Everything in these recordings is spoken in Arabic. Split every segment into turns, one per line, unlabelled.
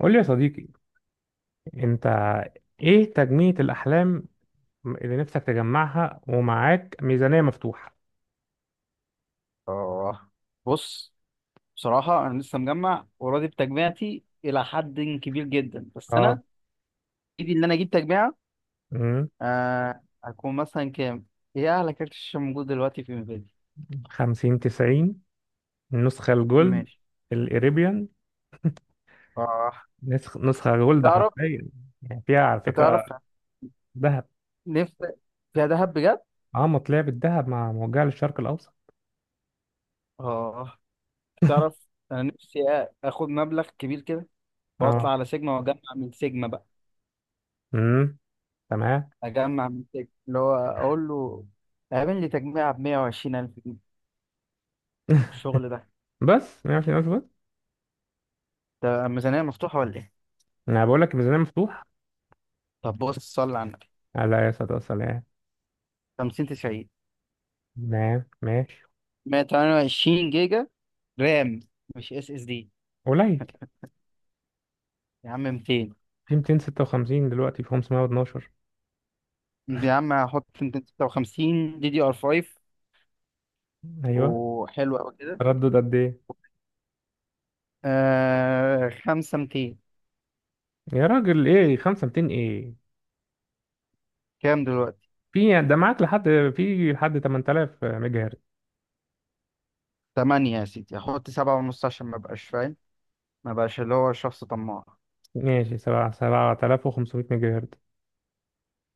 قول لي يا صديقي، انت، ايه تجميع الاحلام اللي نفسك تجمعها ومعاك ميزانية مفتوحة؟
اه، بص. بصراحة أنا لسه مجمع وراضي بتجميعتي إلى حد كبير جدا، بس
اه.
أنا إيدي إن أنا أجيب تجميعة.
امم
هكون مثلا كام؟ هي أعلى كارت شاشة موجود دلوقتي في انفيديا.
خمسين تسعين، النسخة الجولد،
ماشي،
الاريبيان.
اه.
نسخة جولد
تعرف
حرفيا. يعني فيها على
تعرف
فكرة ذهب.
نفسي فيها دهب بجد؟
اه، مطلع بالذهب مع موجهة للشرق الاوسط.
اه، تعرف أنا نفسي آخد مبلغ كبير كده
اه.
وأطلع على سيجما وأجمع من سيجما بقى.
امم تمام.
أجمع من سيجما اللي هو أقول له اعمل لي تجميعة ب 120 ألف جنيه، الشغل ده
بس 120 الف بس؟
ده ميزانية مفتوحة ولا إيه؟
انا بقول لك الميزانية مفتوحة.
طب بص، صل على النبي.
آه، لا يا صديقي سلام.
50 90،
تمام، ماشي.
128 جيجا رام، مش اس اس دي
قليل.
يا عم، 200.
في 256 دلوقتي، في 512.
يا عم هحط 256 دي دي ار 5
ايوه،
وحلو قوي كده.
تردد قد ايه؟
5 200.
يا راجل ايه 5200 ايه؟
كام دلوقتي؟
في، يعني ده معاك لحد، في لحد 8000 ميجا هرتز.
8 يا سيدي، هحط 7 ونص عشان ما بقاش فاهم، ما بقاش اللي هو شخص طماع.
ماشي، 7 7500 ميجا هرتز.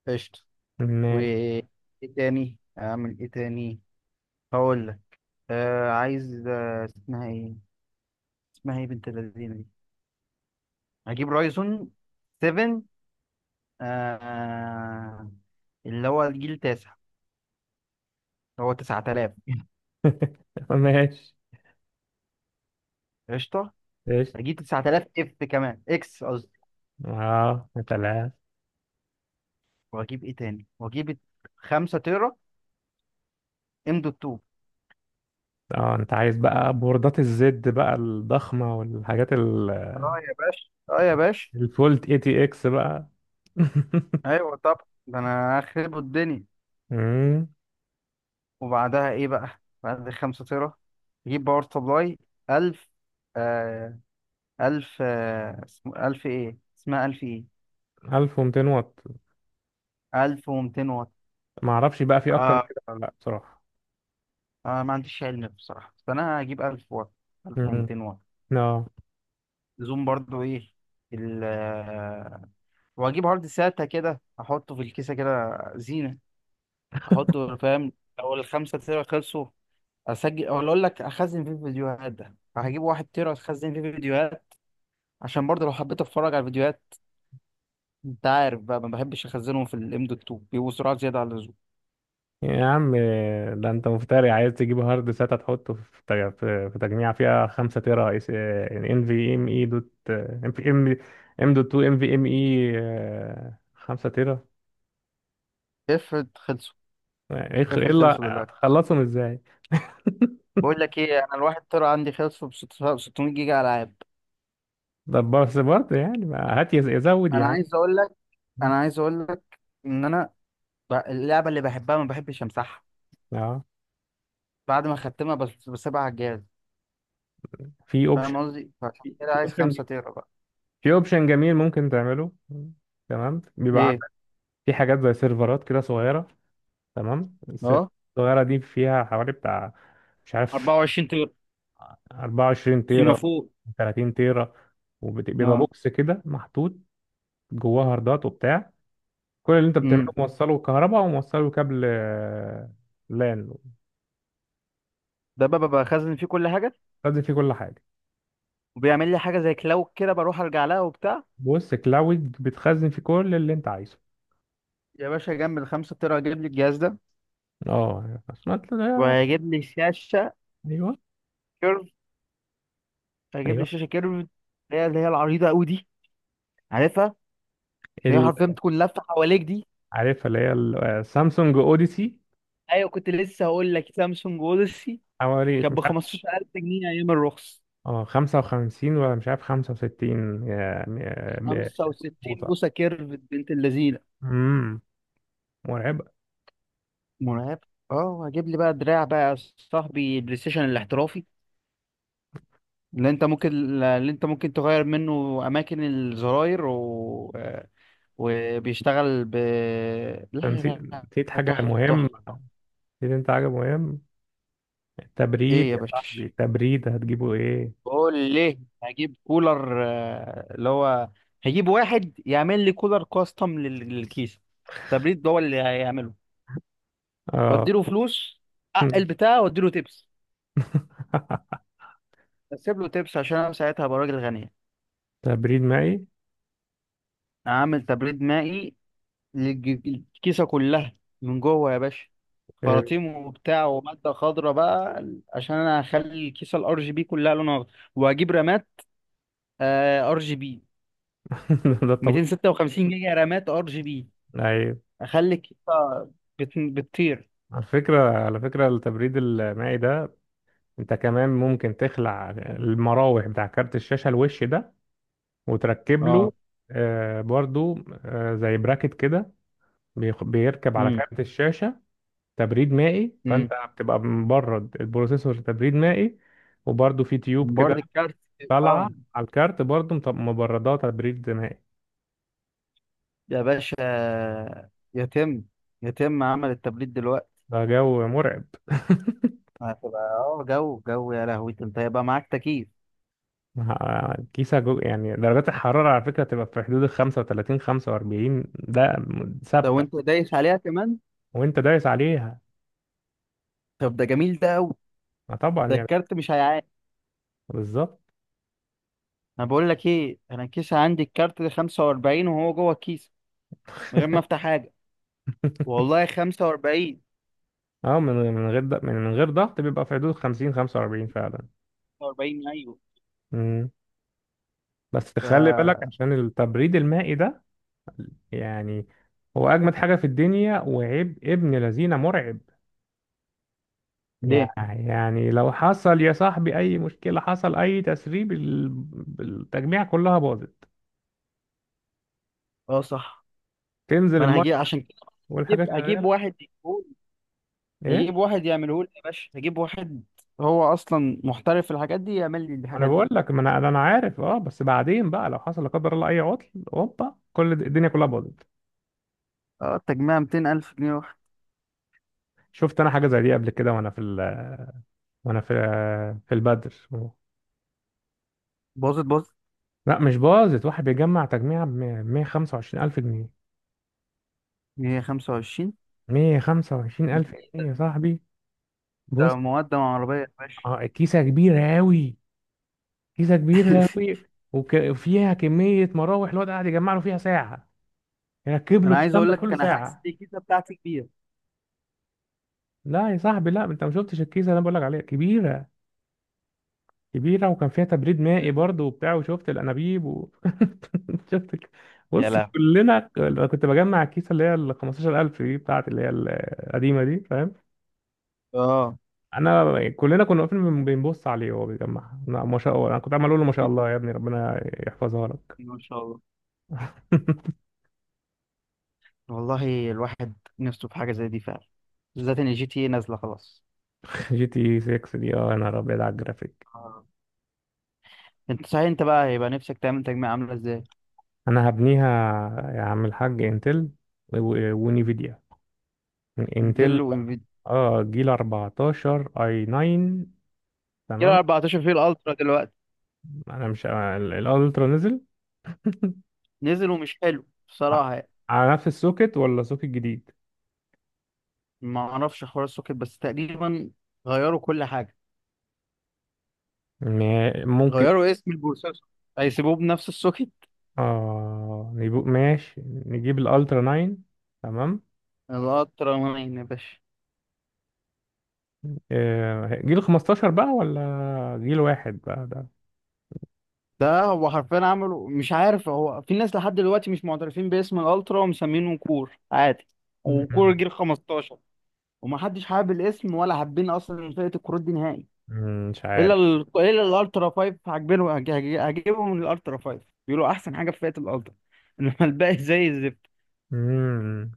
قشطة. و
ماشي.
ايه تاني؟ اعمل ايه تاني؟ هقول لك. عايز، اسمها ايه، اسمها ايه بنت اللذينه دي، هجيب رايزون 7. آه اللي هو الجيل التاسع، هو 9000.
ماشي.
قشطة.
قشطة.
هجيب 9000 اف كمان، اكس قصدي.
اه، تلاتة.
وهجيب ايه تاني؟ وهجيب 5 تيرا ام دوت 2.
اه، انت عايز بقى بوردات الزد بقى الضخمة والحاجات
اه يا باشا، اه يا باشا.
الفولت اي تي اكس بقى.
ايوه طب، ده انا اخرب الدنيا.
مم.
وبعدها ايه بقى بعد ال 5 تيرا؟ اجيب باور سبلاي 1000. آه 1000. اسمه 1000 ايه، اسمها 1000 ايه؟
1200 واط.
1200 واط.
ما اعرفش بقى في اكتر من
آه
كده ولا لا بصراحة.
ما عنديش علم بصراحة، بس انا هجيب 1000 واط،
امم
1200 واط.
اه.
زوم برضو، ايه ال واجيب عرض ساتا كده احطه في الكيسه كده زينه، احطه فاهم. لو الخمسة تيرا خلصوا اسجل، ولا اقول لك اخزن فيه فيديوهات. ده فهجيب واحد تيرا اخزن فيه فيديوهات، عشان برضه لو حبيت اتفرج على الفيديوهات. انت عارف بقى ما بحبش اخزنهم في الام دوت 2، بيبقوا سرعه زياده عن اللزوم.
يا عم، ده انت مفتري عايز تجيب هارد ساتا تحطه في في تجميع فيها 5 تيرا اس ان في ام اي دوت ام في ام. ام دوت 2 ام في ام اي 5 تيرا.
افرض خلصوا،
يعني
افرض
الا
خلصوا دلوقتي.
هتخلصهم ازاي؟
بقول لك ايه، انا الواحد تيرا عندي خلصوا ب 600 جيجا العاب.
ده بس برضه، يعني ما هات يزود يا
انا
عم.
عايز اقول لك، انا عايز اقول لك ان انا، اللعبه اللي بحبها ما بحبش امسحها
اه.
بعد ما ختمها، بس بسيبها على الجهاز.
في اوبشن
فاهم قصدي؟ فعشان كده
في
عايز
اوبشن
5 تيرا بقى.
في اوبشن جميل ممكن تعمله. تمام. بيبقى
ايه؟
عندك في حاجات زي سيرفرات كده صغيره. تمام، السيرفرات
اه،
الصغيره دي فيها حوالي بتاع مش عارف
24 تيرا
24
فيما
تيرا،
فوق.
30 تيرا. وبيبقى
اه.
بوكس كده محطوط جواه هاردات وبتاع. كل اللي انت بتعمله
امم
موصله كهرباء وموصله كابل، لان
ده بقى بخزن فيه كل حاجه،
بتخزن فيه كل حاجه.
وبيعمل لي حاجه زي كلاود كده، بروح ارجع لها وبتاع.
بص، كلاود بتخزن فيه كل اللي انت عايزه.
يا باشا جنب ال 5 تيرا هجيب لي الجهاز ده.
اه، سمعت ده.
وهيجيب لي شاشه
ايوه،
كيرف، هيجيب لي
ايوه.
شاشه كيرف اللي هي، اللي هي العريضه قوي دي، عارفها، هي
ال-
حرفيا بتكون لافه حواليك دي.
عارفها، اللي هي سامسونج اوديسي.
ايوه، كنت لسه هقول لك سامسونج اوديسي.
حوالي
كانت ب
مش عارف،
15000 جنيه ايام الرخص.
اه، 55 ولا مش عارف، 65
65
بوصه.
بوصه كيرف، بنت اللذينه،
امم مرعبه.
مرعب. اه، هجيب لي بقى دراع بقى يا صاحبي، بلاي ستيشن الاحترافي، اللي انت ممكن اللي انت ممكن تغير منه اماكن الزراير و... آه، وبيشتغل ب، لا
أنا نسيت،
لا لا.
حاجه
تحفه
مهمه.
تحفه
نسيت انت حاجة مهم، التبريد
ايه يا
يا
باشا؟
صاحبي، التبريد هتجيبه ايه؟
بقول ليه هجيب كولر، اللي هو هجيب واحد يعمل لي كولر كاستم للكيس. تبريد ده هو اللي هيعمله.
اه.
واديله فلوس، حق البتاع، واديله تيبس. اسيب له تيبس عشان انا ساعتها هبقى راجل غني.
تبريد مائي.
اعمل تبريد مائي، الج- الكيسة كلها من جوه يا باشا،
إيه.
خراطيم وبتاع ومادة خضراء بقى، عشان انا هخلي الكيسة الار جي بي كلها لونها اخضر. وهجيب رامات ار جي بي،
ده طبيعي.
256 جيجا رامات ار جي بي،
ايوه،
اخلي الكيسة بتطير.
على فكرة، التبريد المائي ده انت كمان ممكن تخلع المراوح بتاع كارت الشاشة الوش ده وتركب له،
اه.
آه، برضو، آه، زي براكت كده. بيركب على
امم
كارت الشاشة تبريد مائي، فانت
امم
بتبقى مبرد البروسيسور تبريد مائي. وبرضو في تيوب كده
بورد الكارت.
طالعة
اه
على الكارت برضه مبردات تبريد دماغي.
يا باشا، يتم يتم عمل التبريد دلوقتي.
ده جو مرعب.
هتبقى اه، جو، يا لهوي، انت هيبقى معاك تكييف.
كيسة جو، يعني درجات الحرارة على فكرة تبقى في حدود ال 35 45 ده
لو انت
ثابتة،
دايس عليها كمان.
وانت دايس عليها.
طب ده جميل، ده قوي.
ما طبعا،
ده
يعني
الكارت مش هيعاني.
بالظبط.
انا بقول لك ايه، انا الكيس عندي الكارت ده 45 وهو جوه الكيس، من غير ما افتح حاجه، والله 45.
اه، من غير ضغط بيبقى في حدود 50 45 فعلا.
45 ايوه.
مم. بس
ف،
تخلي بالك، عشان التبريد المائي ده يعني هو أجمد حاجة في الدنيا وعيب ابن لذينة مرعب. يع-
ليه؟
يعني لو حصل يا صاحبي اي مشكله، حصل اي تسريب، التجميع كلها باظت،
اه صح.
تنزل
ما انا
الميه
هجيب عشان كده،
والحاجه
هجيب
شغاله.
واحد يجيبهولي،
ايه،
هجيب واحد يعمله لي يا باشا، هجيب واحد. هو اصلا محترف في الحاجات دي، يعمل لي
ما انا
الحاجات دي.
بقول لك ما انا انا عارف، اه، بس بعدين بقى لو حصل لا قدر الله اي عطل هوبا كل الدنيا كلها باظت.
اه، التجميع 200,000 جنيه واحد.
شفت انا حاجه زي دي قبل كده، وانا في البدر.
باظت.
لا مش باظت، واحد بيجمع تجميع ب 125 الف جنيه،
هي 25؟
125 الف جنيه
ده
يا صاحبي.
ده
بص.
مقدم عربيه يا باشا.
آه، كيسه كبيره قوي، كيسة كبيرة أوي. وفيها كمية مراوح، الواد قاعد يجمع له فيها ساعة، يركب له
انا عايز
الكلام
اقول
ده
لك،
كله
انا حاسس
ساعة.
الكيسه بتاعتي كبيره.
لا يا صاحبي، لا، انت ما شفتش الكيسة اللي انا بقول لك عليها كبيرة، كبيرة وكان فيها تبريد مائي برضه وبتاع، وشفت الانابيب و... شفت
يا
بص،
لهوي.
كلنا، انا كنت بجمع الكيسة اللي هي ال 15,000 دي بتاعت اللي هي القديمة دي، فاهم.
اه.
انا كلنا كنا واقفين بنبص عليه وهو بيجمعها، لا، ما شاء الله. انا كنت عمال اقول له ما شاء الله يا ابني، ربنا يحفظها لك.
ما شاء الله. والله الواحد نفسه في حاجة زي دي فعلا، بالذات ان الجي تي إيه نازلة خلاص.
جي تي 6 دي، اه، انا ابيض على الجرافيك.
آه. انت صحيح، انت بقى هيبقى نفسك تعمل تجميع عاملة ازاي؟
انا هبنيها، يا عم الحاج انتل ونيفيديا، انتل.
انتل وانفيديا.
اه، جيل 14 اي 9.
كده
تمام.
14، في الالترا دلوقتي.
انا مش الالترا نزل.
نزل ومش حلو
ع-
بصراحة يعني.
على نفس السوكت ولا سوكت جديد؟
ما اعرفش حوار السوكت، بس تقريبا غيروا كل حاجة،
ممكن.
غيروا اسم البروسيسور، هيسيبوه بنفس السوكت.
اه، نجيب، ماشي، نجيب الالترا 9. تمام.
الالترا مين يا باشا؟
آه، جيل 15 بقى ولا جيل واحد بقى ده.
ده هو حرفيا عملوا، مش عارف، هو في ناس لحد دلوقتي مش معترفين باسم الالترا ومسمينه كور عادي، وكور
مم.
جيل 15. ومحدش حابب الاسم، ولا حابين اصلا فئه الكروت دي نهائي.
مش
الا
عارف.
الا الالترا 5 عاجبينه. هجيبهم من الالترا 5، بيقولوا احسن حاجه في فئه الالترا، انما الباقي زي الزفت.
مم.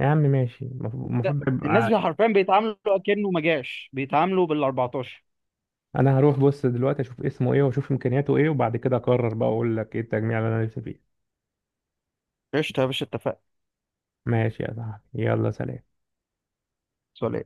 يا عم ماشي، المفروض، المفروض
الناس حرفيا بيتعاملوا كأنه ما جاش، بيتعاملوا بال 14.
انا هروح بص دلوقتي اشوف اسمه ايه واشوف امكانياته ايه وبعد كده اقرر بقى اقول لك ايه التجميع اللي انا نفسي فيه.
قشطه يا باشا، اتفقنا.
ماشي يا صاحبي، يلا سلام.
سؤال.